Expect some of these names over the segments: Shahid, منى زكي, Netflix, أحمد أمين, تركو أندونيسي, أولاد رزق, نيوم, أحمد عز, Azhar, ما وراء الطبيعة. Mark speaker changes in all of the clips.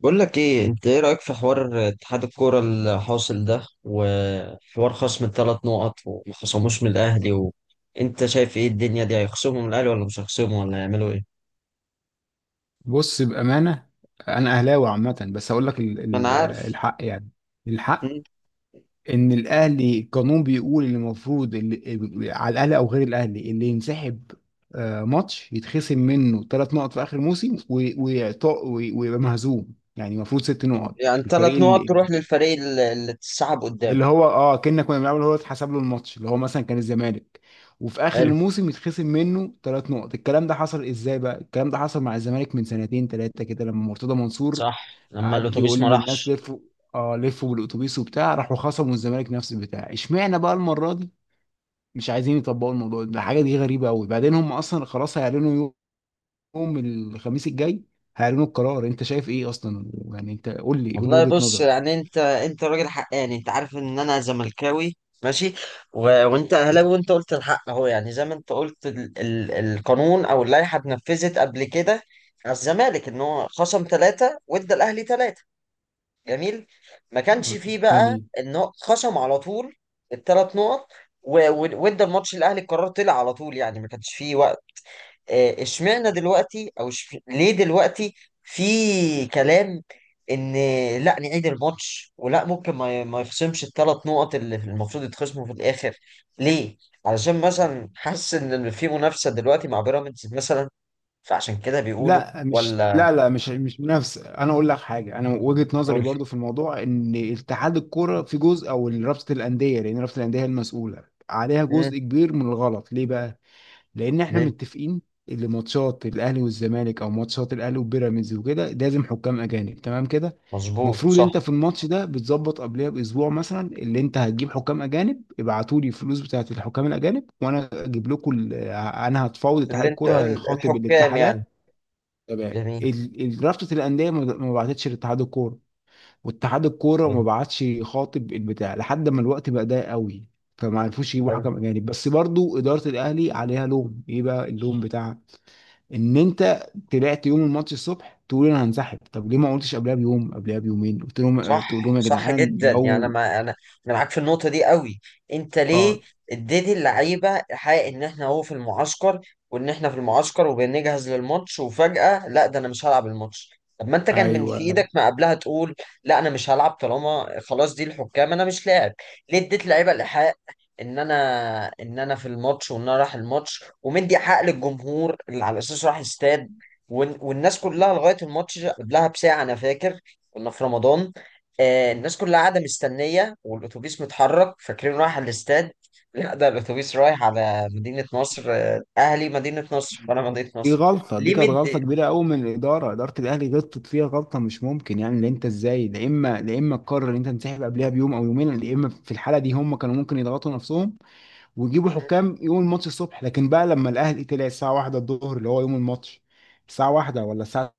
Speaker 1: بقول لك ايه، انت ايه رايك في حوار اتحاد الكوره الحاصل ده وحوار خصم الثلاث نقط وما خصموش من الاهلي انت شايف ايه الدنيا دي، هيخصموا من الاهلي ولا مش هيخصموا ولا هيعملوا ايه؟
Speaker 2: بص بأمانة، أنا أهلاوي عامة، بس هقول لك
Speaker 1: ما انا عارف.
Speaker 2: الحق. يعني الحق
Speaker 1: مم.
Speaker 2: إن الأهلي، القانون بيقول إن المفروض اللي على الأهلي أو غير الأهلي اللي ينسحب ماتش يتخصم منه ثلاث نقط في آخر موسم، ويبقى مهزوم، يعني المفروض ست نقط.
Speaker 1: يعني
Speaker 2: الفريق
Speaker 1: ثلاث نقط
Speaker 2: اللي
Speaker 1: تروح للفريق اللي اتسحب قدام.
Speaker 2: اللي هو كنا بنلعب، اللي هو اتحسب له الماتش، اللي هو مثلا كان الزمالك، وفي اخر
Speaker 1: حلو.
Speaker 2: الموسم يتخصم منه ثلاث نقط. الكلام ده حصل ازاي بقى؟ الكلام ده حصل مع الزمالك من سنتين ثلاثه كده لما مرتضى منصور
Speaker 1: صح، لما
Speaker 2: قعد يقول
Speaker 1: الاتوبيس ما
Speaker 2: للناس
Speaker 1: راحش.
Speaker 2: لفوا. اه، لفوا بالاتوبيس وبتاع، راحوا خصموا الزمالك نفس البتاع. اشمعنى بقى المره دي مش عايزين يطبقوا الموضوع ده؟ الحاجه دي غريبه قوي. بعدين هم اصلا خلاص هيعلنوا يوم الخميس الجاي، هيعلنوا القرار. انت شايف ايه اصلا؟ يعني انت قول لي
Speaker 1: والله
Speaker 2: وجهه
Speaker 1: بص،
Speaker 2: نظرك.
Speaker 1: يعني انت راجل حقاني، انت عارف ان انا زملكاوي. ماشي. و... وانت اهلاوي، وانت قلت الحق اهو. يعني زي ما انت قلت القانون او اللائحه اتنفذت قبل كده على الزمالك، ان هو خصم ثلاثه وادى الاهلي ثلاثه. جميل. ما كانش فيه بقى
Speaker 2: جميل.
Speaker 1: ان هو خصم على طول الثلاث نقط وادى الماتش الاهلي. القرار طلع على طول، يعني ما كانش فيه وقت. اشمعنى دلوقتي، او ليه دلوقتي في كلام ان لا نعيد الماتش ولا ممكن ما يخصمش الثلاث نقط اللي المفروض يتخصموا في الاخر؟ ليه؟ علشان مثلا حاسس ان في منافسه دلوقتي مع بيراميدز مثلا، فعشان كده بيقولوا.
Speaker 2: لا، مش
Speaker 1: ولا،
Speaker 2: لا لا مش مش منافسه. انا اقول لك حاجه، انا وجهه نظري
Speaker 1: قول
Speaker 2: برضو في الموضوع ان اتحاد الكوره في جزء، او رابطه الانديه، لان رابطه الانديه هي المسؤوله، عليها
Speaker 1: لي
Speaker 2: جزء كبير من الغلط. ليه بقى؟ لان احنا
Speaker 1: ليه.
Speaker 2: متفقين اللي ماتشات الاهلي والزمالك او ماتشات الاهلي وبيراميدز وكده لازم حكام اجانب، تمام كده؟
Speaker 1: مظبوط،
Speaker 2: المفروض
Speaker 1: صح.
Speaker 2: انت في الماتش ده بتظبط قبلها باسبوع مثلا، اللي انت هتجيب حكام اجانب. ابعتوا لي الفلوس بتاعت الحكام الاجانب، وانا اجيب لكم انا هتفاوض اتحاد
Speaker 1: اللي انت
Speaker 2: الكوره هيخاطب
Speaker 1: الحكام يعني.
Speaker 2: الاتحادات. تمام.
Speaker 1: جميل.
Speaker 2: رابطه الانديه ما بعتتش لاتحاد الكوره، واتحاد الكوره ما
Speaker 1: حلو.
Speaker 2: بعتش خاطب البتاع لحد ما الوقت بقى ضيق قوي، فما عرفوش يجيبوا
Speaker 1: حلو.
Speaker 2: حكم اجانب. بس برضو اداره الاهلي عليها لوم. ايه بقى اللوم بتاعها؟ ان انت طلعت يوم الماتش الصبح تقول انا هنسحب. طب ليه ما قلتش قبلها بيوم، قبلها بيومين، قلت لهم، تقول لهم
Speaker 1: صح،
Speaker 2: يا
Speaker 1: صح
Speaker 2: جدعان
Speaker 1: جدا. يعني
Speaker 2: لو
Speaker 1: ما انا، انا معاك في النقطه دي قوي. انت ليه
Speaker 2: اه
Speaker 1: اديتي اللعيبه حق ان احنا اهو في المعسكر، وان احنا في المعسكر وبنجهز للماتش، وفجاه لا ده انا مش هلعب الماتش. طب ما انت كان من في ايدك
Speaker 2: ايوه
Speaker 1: ما قبلها تقول لا انا مش هلعب، طالما خلاص دي الحكام انا مش لاعب. ليه اديت لعيبه الحق ان انا في الماتش، وان انا رايح الماتش، ومدي حق للجمهور اللي على اساس راح استاد؟ والناس كلها لغايه الماتش قبلها بساعه، انا فاكر كنا في رمضان. الناس كلها قاعدة مستنية والأتوبيس متحرك، فاكرين رايح على الاستاد. لا ده الأتوبيس رايح على مدينة نصر. أهلي مدينة نصر وأنا مدينة
Speaker 2: دي
Speaker 1: نصر.
Speaker 2: غلطه، دي
Speaker 1: ليه
Speaker 2: كانت غلطه كبيره قوي من الاداره. اداره الاهلي غلطت فيها غلطه مش ممكن، يعني ان انت ازاي، لا اما تقرر ان انت تنسحب قبلها بيوم او يومين. لا اما في الحاله دي هم كانوا ممكن يضغطوا نفسهم ويجيبوا حكام يوم الماتش الصبح. لكن بقى لما الاهلي طلع الساعه 1 الظهر اللي هو يوم الماتش، الساعه 1 ولا الساعه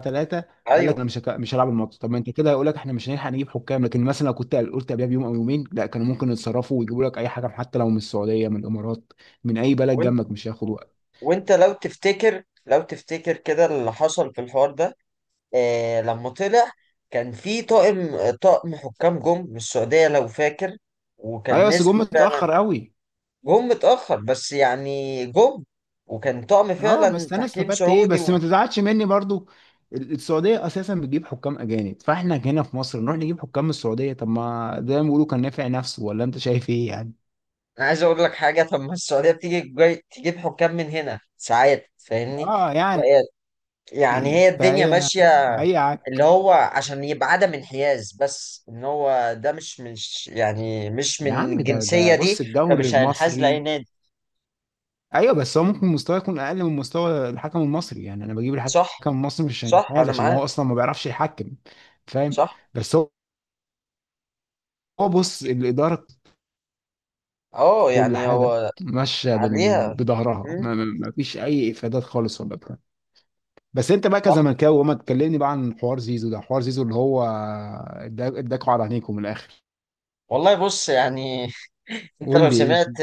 Speaker 2: 3، قال لك
Speaker 1: أيوه.
Speaker 2: انا مش هلعب الماتش. طب ما انت كده هيقول لك احنا مش هنلحق نجيب حكام. لكن مثلا لو كنت قلت قبلها بيوم او يومين، لا، كانوا ممكن يتصرفوا ويجيبوا لك اي حكم، حتى لو من السعوديه، من الامارات، من اي بلد
Speaker 1: وأنت،
Speaker 2: جنبك، مش هياخد وقت.
Speaker 1: وأنت لو تفتكر، لو تفتكر كده اللي حصل في الحوار ده لما طلع. كان في طاقم حكام جم من السعودية لو فاكر، وكان
Speaker 2: ايوه، بس جم
Speaker 1: نزلوا فعلا.
Speaker 2: متاخر قوي.
Speaker 1: جم متأخر، بس يعني جم. وكان طقم
Speaker 2: اه
Speaker 1: فعلا
Speaker 2: بس انا
Speaker 1: تحكيم
Speaker 2: استفدت ايه؟
Speaker 1: سعودي.
Speaker 2: بس ما تزعلش مني برضو، السعوديه اساسا بتجيب حكام اجانب، فاحنا هنا في مصر نروح نجيب حكام من السعوديه؟ طب ما ده بيقولوا كان نافع نفسه. ولا انت شايف ايه يعني؟
Speaker 1: انا عايز اقول لك حاجه. طب ما السعوديه بتيجي جاي تجيب حكام من هنا ساعات، فاهمني؟
Speaker 2: اه يعني،
Speaker 1: يعني هي الدنيا
Speaker 2: فهي،
Speaker 1: ماشيه.
Speaker 2: اي
Speaker 1: اللي
Speaker 2: عك
Speaker 1: هو عشان يبقى عدم انحياز، بس ان هو ده مش
Speaker 2: يا
Speaker 1: من
Speaker 2: عم ده
Speaker 1: الجنسيه دي،
Speaker 2: بص، الدوري
Speaker 1: فمش هينحاز لاي
Speaker 2: المصري،
Speaker 1: نادي.
Speaker 2: ايوه بس هو ممكن مستواه يكون اقل من مستوى الحكم المصري. يعني انا بجيب الحكم
Speaker 1: صح.
Speaker 2: المصري مش عشان
Speaker 1: صح،
Speaker 2: هذا،
Speaker 1: انا
Speaker 2: عشان
Speaker 1: معاك.
Speaker 2: هو اصلا ما بيعرفش يحكم، فاهم؟
Speaker 1: صح.
Speaker 2: بس هو، بص، الاداره
Speaker 1: اه،
Speaker 2: في كل
Speaker 1: يعني
Speaker 2: حاجه
Speaker 1: هو
Speaker 2: ماشيه
Speaker 1: عليها.
Speaker 2: بظهرها،
Speaker 1: مم.
Speaker 2: ما فيش اي افادات خالص ولا بتاع. بس انت بقى كزملكاوي، وما تكلمني بقى عن حوار زيزو ده. حوار زيزو اللي هو اداكوا على عينيكم من الاخر.
Speaker 1: والله بص، يعني انت
Speaker 2: قول
Speaker 1: لو
Speaker 2: لي
Speaker 1: سمعت،
Speaker 2: ايه؟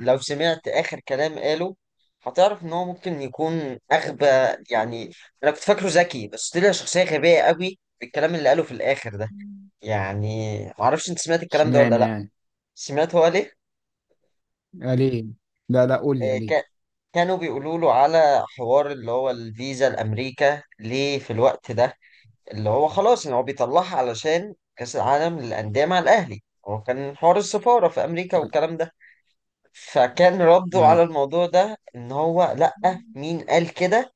Speaker 1: لو سمعت اخر كلام قاله هتعرف ان هو ممكن يكون اغبى. يعني انا كنت فاكره ذكي، بس طلع شخصيه غبيه قوي بالكلام اللي قاله في الاخر ده. يعني معرفش انت سمعت الكلام ده ولا
Speaker 2: اشمعنى
Speaker 1: لا.
Speaker 2: يعني؟
Speaker 1: سمعت هو ليه.
Speaker 2: يعني ليه؟ لا لا، قول لي
Speaker 1: آه،
Speaker 2: يعني ليه؟
Speaker 1: ك- كانوا بيقولوا له على حوار اللي هو الفيزا لامريكا ليه في الوقت ده، اللي هو خلاص ان هو بيطلعها علشان كاس العالم للانديه مع الاهلي، هو كان حوار السفاره في امريكا
Speaker 2: لا،
Speaker 1: والكلام ده. فكان رده على
Speaker 2: ايوه.
Speaker 1: الموضوع ده ان هو لأ، مين قال كده؟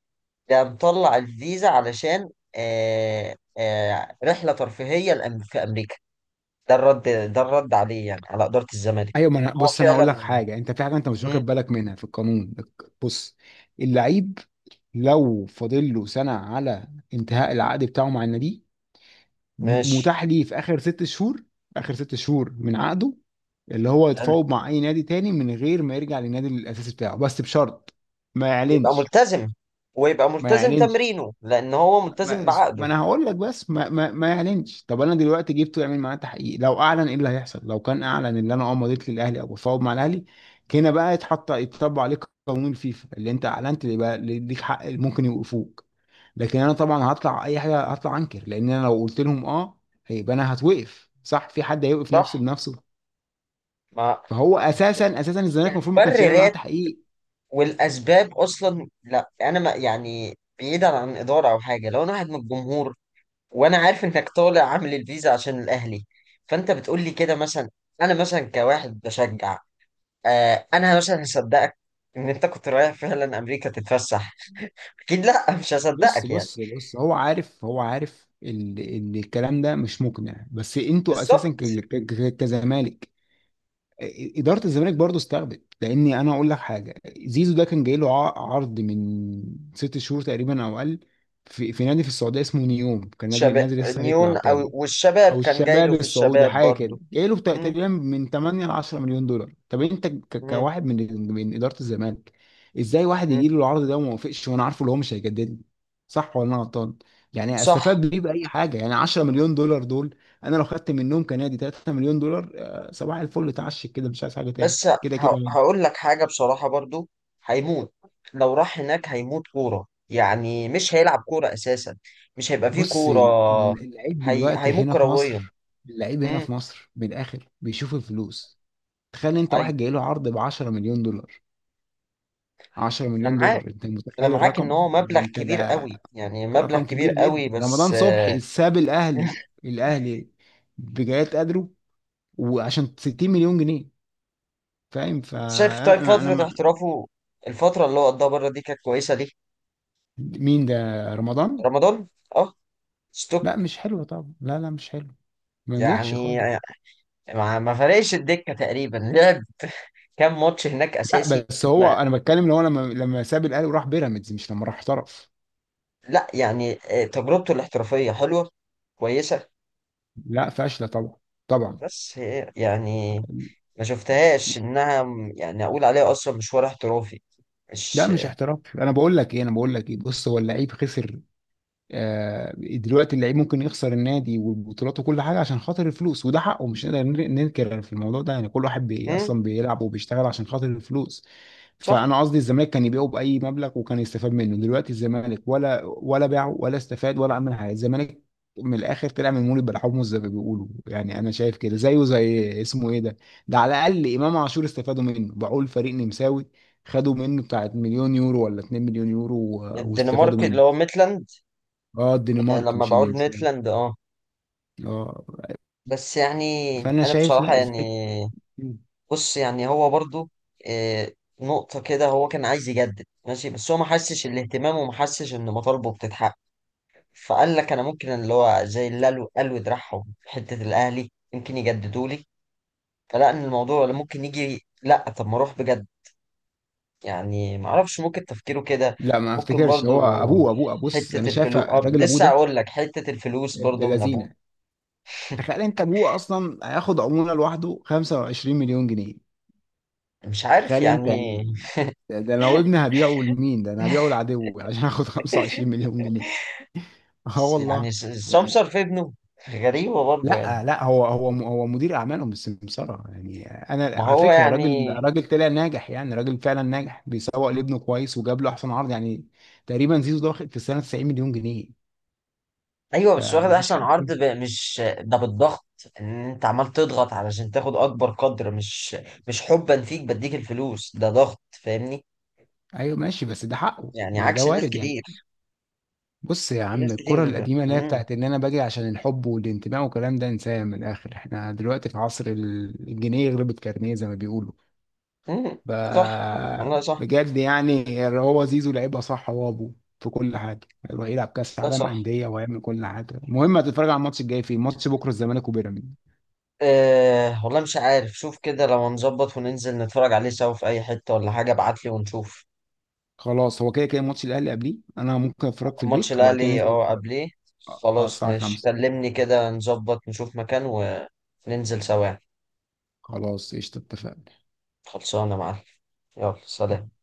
Speaker 1: ده مطلع الفيزا علشان رحلة ترفيهية في امريكا. ده الرد، ده الرد عليه يعني على إدارة الزمالك
Speaker 2: ايوه، ما انا
Speaker 1: ان هو
Speaker 2: بص، انا هقول لك
Speaker 1: فعلا.
Speaker 2: حاجه. انت في حاجه انت مش
Speaker 1: مم،
Speaker 2: واخد بالك منها في القانون. بص، اللعيب لو فاضل له سنه على انتهاء العقد بتاعه مع النادي،
Speaker 1: ماشي.
Speaker 2: متاح ليه في اخر ست شهور، اخر ست شهور من عقده، اللي هو يتفاوض مع اي نادي تاني من غير ما يرجع للنادي الاساسي بتاعه، بس بشرط ما
Speaker 1: يبقى
Speaker 2: يعلنش.
Speaker 1: ملتزم، ويبقى
Speaker 2: ما
Speaker 1: ملتزم
Speaker 2: يعلنش.
Speaker 1: تمرينه لان هو ملتزم
Speaker 2: ما, ما
Speaker 1: بعقده.
Speaker 2: انا هقول لك، بس ما يعلنش. طب انا دلوقتي جبته يعمل معاه تحقيق، لو اعلن ايه اللي هيحصل؟ لو كان اعلن ان انا اه مضيت للاهلي او بفاوض مع الاهلي، هنا بقى يتحط، يتطبق عليك قانون الفيفا، اللي انت اعلنت اللي بقى اللي ليك حق، اللي ممكن يوقفوك. لكن انا طبعا هطلع اي حاجه، هطلع انكر. لان انا لو قلت لهم اه، هيبقى انا هتوقف. صح؟ في حد هيوقف نفسه
Speaker 1: صح.
Speaker 2: بنفسه؟
Speaker 1: ما
Speaker 2: فهو اساسا الزمالك المفروض ما كانش يعمل معاه
Speaker 1: المبررات
Speaker 2: تحقيق.
Speaker 1: والاسباب اصلا، لا انا ما يعني بعيدا عن اداره او حاجه، لو انا واحد من الجمهور وانا عارف انك طالع عامل الفيزا عشان الاهلي، فانت بتقول لي كده مثلا، انا مثلا كواحد بشجع، انا مثلا هصدقك ان انت كنت رايح فعلا امريكا تتفسح؟ اكيد لا. مش هصدقك يعني.
Speaker 2: بص، هو عارف ان الكلام ده مش مقنع. بس انتوا اساسا
Speaker 1: بالظبط.
Speaker 2: كزمالك، إ- اداره الزمالك برضو استخدت. لاني انا اقول لك حاجه، زيزو ده كان جاي له عرض من ست شهور تقريبا او اقل، في نادي في السعوديه اسمه نيوم، كان نادي
Speaker 1: شباب
Speaker 2: لسه
Speaker 1: نيون
Speaker 2: هيطلع
Speaker 1: او
Speaker 2: تاني،
Speaker 1: والشباب،
Speaker 2: او
Speaker 1: كان جاي له
Speaker 2: الشباب
Speaker 1: في
Speaker 2: السعودي
Speaker 1: الشباب
Speaker 2: حاجه كده.
Speaker 1: برضو.
Speaker 2: جاي له
Speaker 1: مم.
Speaker 2: تقريبا من 8 ل 10 مليون دولار. طب انت
Speaker 1: مم.
Speaker 2: كواحد من اداره الزمالك، ازاي واحد
Speaker 1: مم.
Speaker 2: يجي له العرض ده وما وافقش وانا عارفه اللي هو مش هيجدد لي؟ صح ولا انا غلطان؟ يعني
Speaker 1: صح.
Speaker 2: استفاد بيه باي حاجه؟ يعني 10 مليون دولار دول، انا لو خدت منهم كنادي 3 مليون دولار، آه، صباح الفل، اتعشك كده، مش عايز حاجه تاني،
Speaker 1: بس
Speaker 2: كده كده هيمشي.
Speaker 1: هقول لك حاجه بصراحه برضو، هيموت. لو راح هناك هيموت كوره، يعني مش هيلعب كوره اساسا، مش هيبقى فيه
Speaker 2: بص
Speaker 1: كوره.
Speaker 2: اللعيب دلوقتي
Speaker 1: هيموت
Speaker 2: هنا في
Speaker 1: كرويا.
Speaker 2: مصر، اللعيب هنا
Speaker 1: امم.
Speaker 2: في مصر من الاخر بيشوف الفلوس. تخيل انت
Speaker 1: ايوه،
Speaker 2: واحد جاي له عرض ب 10 مليون دولار، 10
Speaker 1: انا
Speaker 2: مليون
Speaker 1: معاك
Speaker 2: دولار، انت
Speaker 1: انا
Speaker 2: متخيل
Speaker 1: معاك ان
Speaker 2: الرقم
Speaker 1: هو
Speaker 2: يعني
Speaker 1: مبلغ
Speaker 2: انت
Speaker 1: كبير
Speaker 2: ده؟
Speaker 1: قوي، يعني مبلغ
Speaker 2: رقم
Speaker 1: كبير
Speaker 2: كبير
Speaker 1: قوي.
Speaker 2: جدا.
Speaker 1: بس
Speaker 2: رمضان صبحي ساب الاهلي، الاهلي بجايات قدره، وعشان 60 مليون جنيه، فاهم؟
Speaker 1: انت شايف طيب
Speaker 2: فانا
Speaker 1: فترة
Speaker 2: ما،
Speaker 1: احترافه، الفترة اللي هو قضاها بره دي كانت كويسة ليه؟
Speaker 2: مين ده؟ رمضان؟
Speaker 1: رمضان. اه. ستوك.
Speaker 2: لا، مش حلو طبعا، لا لا، مش حلو، ما نجحش
Speaker 1: يعني
Speaker 2: خالص.
Speaker 1: ما فرقش الدكة تقريبا. لعب كام ماتش هناك
Speaker 2: لا،
Speaker 1: اساسي.
Speaker 2: بس هو
Speaker 1: ما
Speaker 2: انا بتكلم ان هو لما ساب الاهلي وراح بيراميدز، مش لما راح احترف.
Speaker 1: لا، يعني تجربته الاحترافية حلوة، كويسة.
Speaker 2: لا، فاشله طبعا، طبعا.
Speaker 1: بس هي يعني ما شفتهاش انها يعني اقول عليها اصلا مشوار احترافي،
Speaker 2: لا،
Speaker 1: مش.
Speaker 2: مش احتراف. انا بقول لك ايه، بص، هو اللعيب خسر. آه، دلوقتي اللعيب ممكن يخسر النادي والبطولات وكل حاجه عشان خاطر الفلوس، وده حقه، مش نقدر ننكر في الموضوع ده. يعني كل واحد بي
Speaker 1: امم.
Speaker 2: اصلا بيلعب وبيشتغل عشان خاطر الفلوس.
Speaker 1: صح.
Speaker 2: فانا قصدي الزمالك كان يبيعه باي مبلغ وكان يستفاد منه. دلوقتي الزمالك ولا باعه ولا استفاد ولا عمل حاجه. الزمالك من الاخر طلع من مولد بلحومه زي ما بيقولوا. يعني انا شايف كده زيه زي اسمه ايه ده، ده على الاقل امام عاشور استفادوا منه، باعوه لفريق نمساوي، خدوا منه بتاعت مليون يورو ولا 2 مليون يورو، واستفادوا
Speaker 1: الدنمارك اللي
Speaker 2: منه.
Speaker 1: هو ميتلاند.
Speaker 2: اه، الدنمارك
Speaker 1: لما
Speaker 2: مش
Speaker 1: بقول
Speaker 2: النمسا.
Speaker 1: ميتلاند، اه.
Speaker 2: اه.
Speaker 1: بس يعني
Speaker 2: فانا
Speaker 1: انا
Speaker 2: شايف،
Speaker 1: بصراحة
Speaker 2: لا
Speaker 1: يعني،
Speaker 2: ازاي؟
Speaker 1: بص يعني هو برضو آه، نقطة كده. هو كان عايز يجدد، ماشي، بس هو ما حسش الاهتمام وما حسش ان مطالبه بتتحقق، فقال لك انا ممكن اللي هو زي اللي قالوا دراعهم في حتة الاهلي يمكن يجددوا لي، فلا ان الموضوع ولا ممكن يجي، لا طب ما اروح بجد. يعني ما اعرفش، ممكن تفكيره كده.
Speaker 2: لا ما
Speaker 1: ممكن
Speaker 2: افتكرش.
Speaker 1: برضو
Speaker 2: هو ابوه، بص،
Speaker 1: حتة
Speaker 2: انا شايف
Speaker 1: الفلوس،
Speaker 2: الراجل ابوه
Speaker 1: لسه
Speaker 2: ده
Speaker 1: اقول لك حتة الفلوس
Speaker 2: ابن
Speaker 1: برضو من ابوه.
Speaker 2: لذينه. تخيل انت ابوه اصلا هياخد عموله لوحده 25 مليون جنيه.
Speaker 1: مش عارف
Speaker 2: تخيل انت
Speaker 1: يعني إيه.
Speaker 2: يعني، ده لو ابني هبيعه لمين؟ ده انا هبيعه لعدوي عشان اخد 25 مليون جنيه. اه
Speaker 1: بس
Speaker 2: والله.
Speaker 1: يعني
Speaker 2: يعني،
Speaker 1: سمسار في ابنه. غريبة برضه يعني.
Speaker 2: لا لا، هو مدير اعمالهم بالسمساره يعني. انا
Speaker 1: ما
Speaker 2: على
Speaker 1: هو
Speaker 2: فكره راجل،
Speaker 1: يعني،
Speaker 2: راجل طلع ناجح، يعني راجل فعلا ناجح، بيسوق لابنه كويس وجاب له احسن عرض. يعني تقريبا زيزو ده واخد في السنه 90 مليون جنيه.
Speaker 1: ايوه بس واخد
Speaker 2: فمفيش
Speaker 1: احسن
Speaker 2: حد
Speaker 1: عرض
Speaker 2: فيهم.
Speaker 1: مش ده بالضغط، ان انت عمال تضغط علشان تاخد اكبر قدر، مش حبا فيك بديك الفلوس، ده ضغط فاهمني؟
Speaker 2: ايوه، ماشي، بس ده حقه،
Speaker 1: يعني
Speaker 2: ما ده
Speaker 1: عكس الناس
Speaker 2: وارد يعني.
Speaker 1: كتير.
Speaker 2: بص يا
Speaker 1: في
Speaker 2: عم،
Speaker 1: ناس
Speaker 2: الكره
Speaker 1: كتير.
Speaker 2: القديمه اللي هي
Speaker 1: امم.
Speaker 2: بتاعت ان انا باجي عشان الحب والانتماء والكلام ده، انساها من الاخر. احنا دلوقتي في عصر الجنيه يغلب الكارنيه زي ما بيقولوا.
Speaker 1: امم.
Speaker 2: ب...
Speaker 1: صح. والله صح.
Speaker 2: بجد يعني، هو زيزو لعيبه صح، هو ابوه في كل حاجه، هيروح يلعب كاس
Speaker 1: والله
Speaker 2: عالم
Speaker 1: صح.
Speaker 2: انديه ويعمل كل حاجه. المهم، هتتفرج على الماتش الجاي فين؟ ماتش بكره الزمالك وبيراميدز.
Speaker 1: أه والله، مش عارف، شوف كده لو هنظبط وننزل نتفرج عليه سوا في اي حتة، ولا حاجة ابعتلي ونشوف.
Speaker 2: خلاص، هو كده كده ماتش الاهلي قبليه، انا ممكن اتفرج في
Speaker 1: ماتش
Speaker 2: البيت وبعد كده
Speaker 1: الاهلي
Speaker 2: ننزل
Speaker 1: اه
Speaker 2: نتفرج.
Speaker 1: قبليه.
Speaker 2: اه، آه،
Speaker 1: خلاص.
Speaker 2: الساعه
Speaker 1: مش
Speaker 2: 5.
Speaker 1: كلمني كده، نظبط نشوف مكان وننزل سوا.
Speaker 2: خلاص، قشطه.
Speaker 1: خلصانه معاك. يلا
Speaker 2: اتفقنا.
Speaker 1: سلام.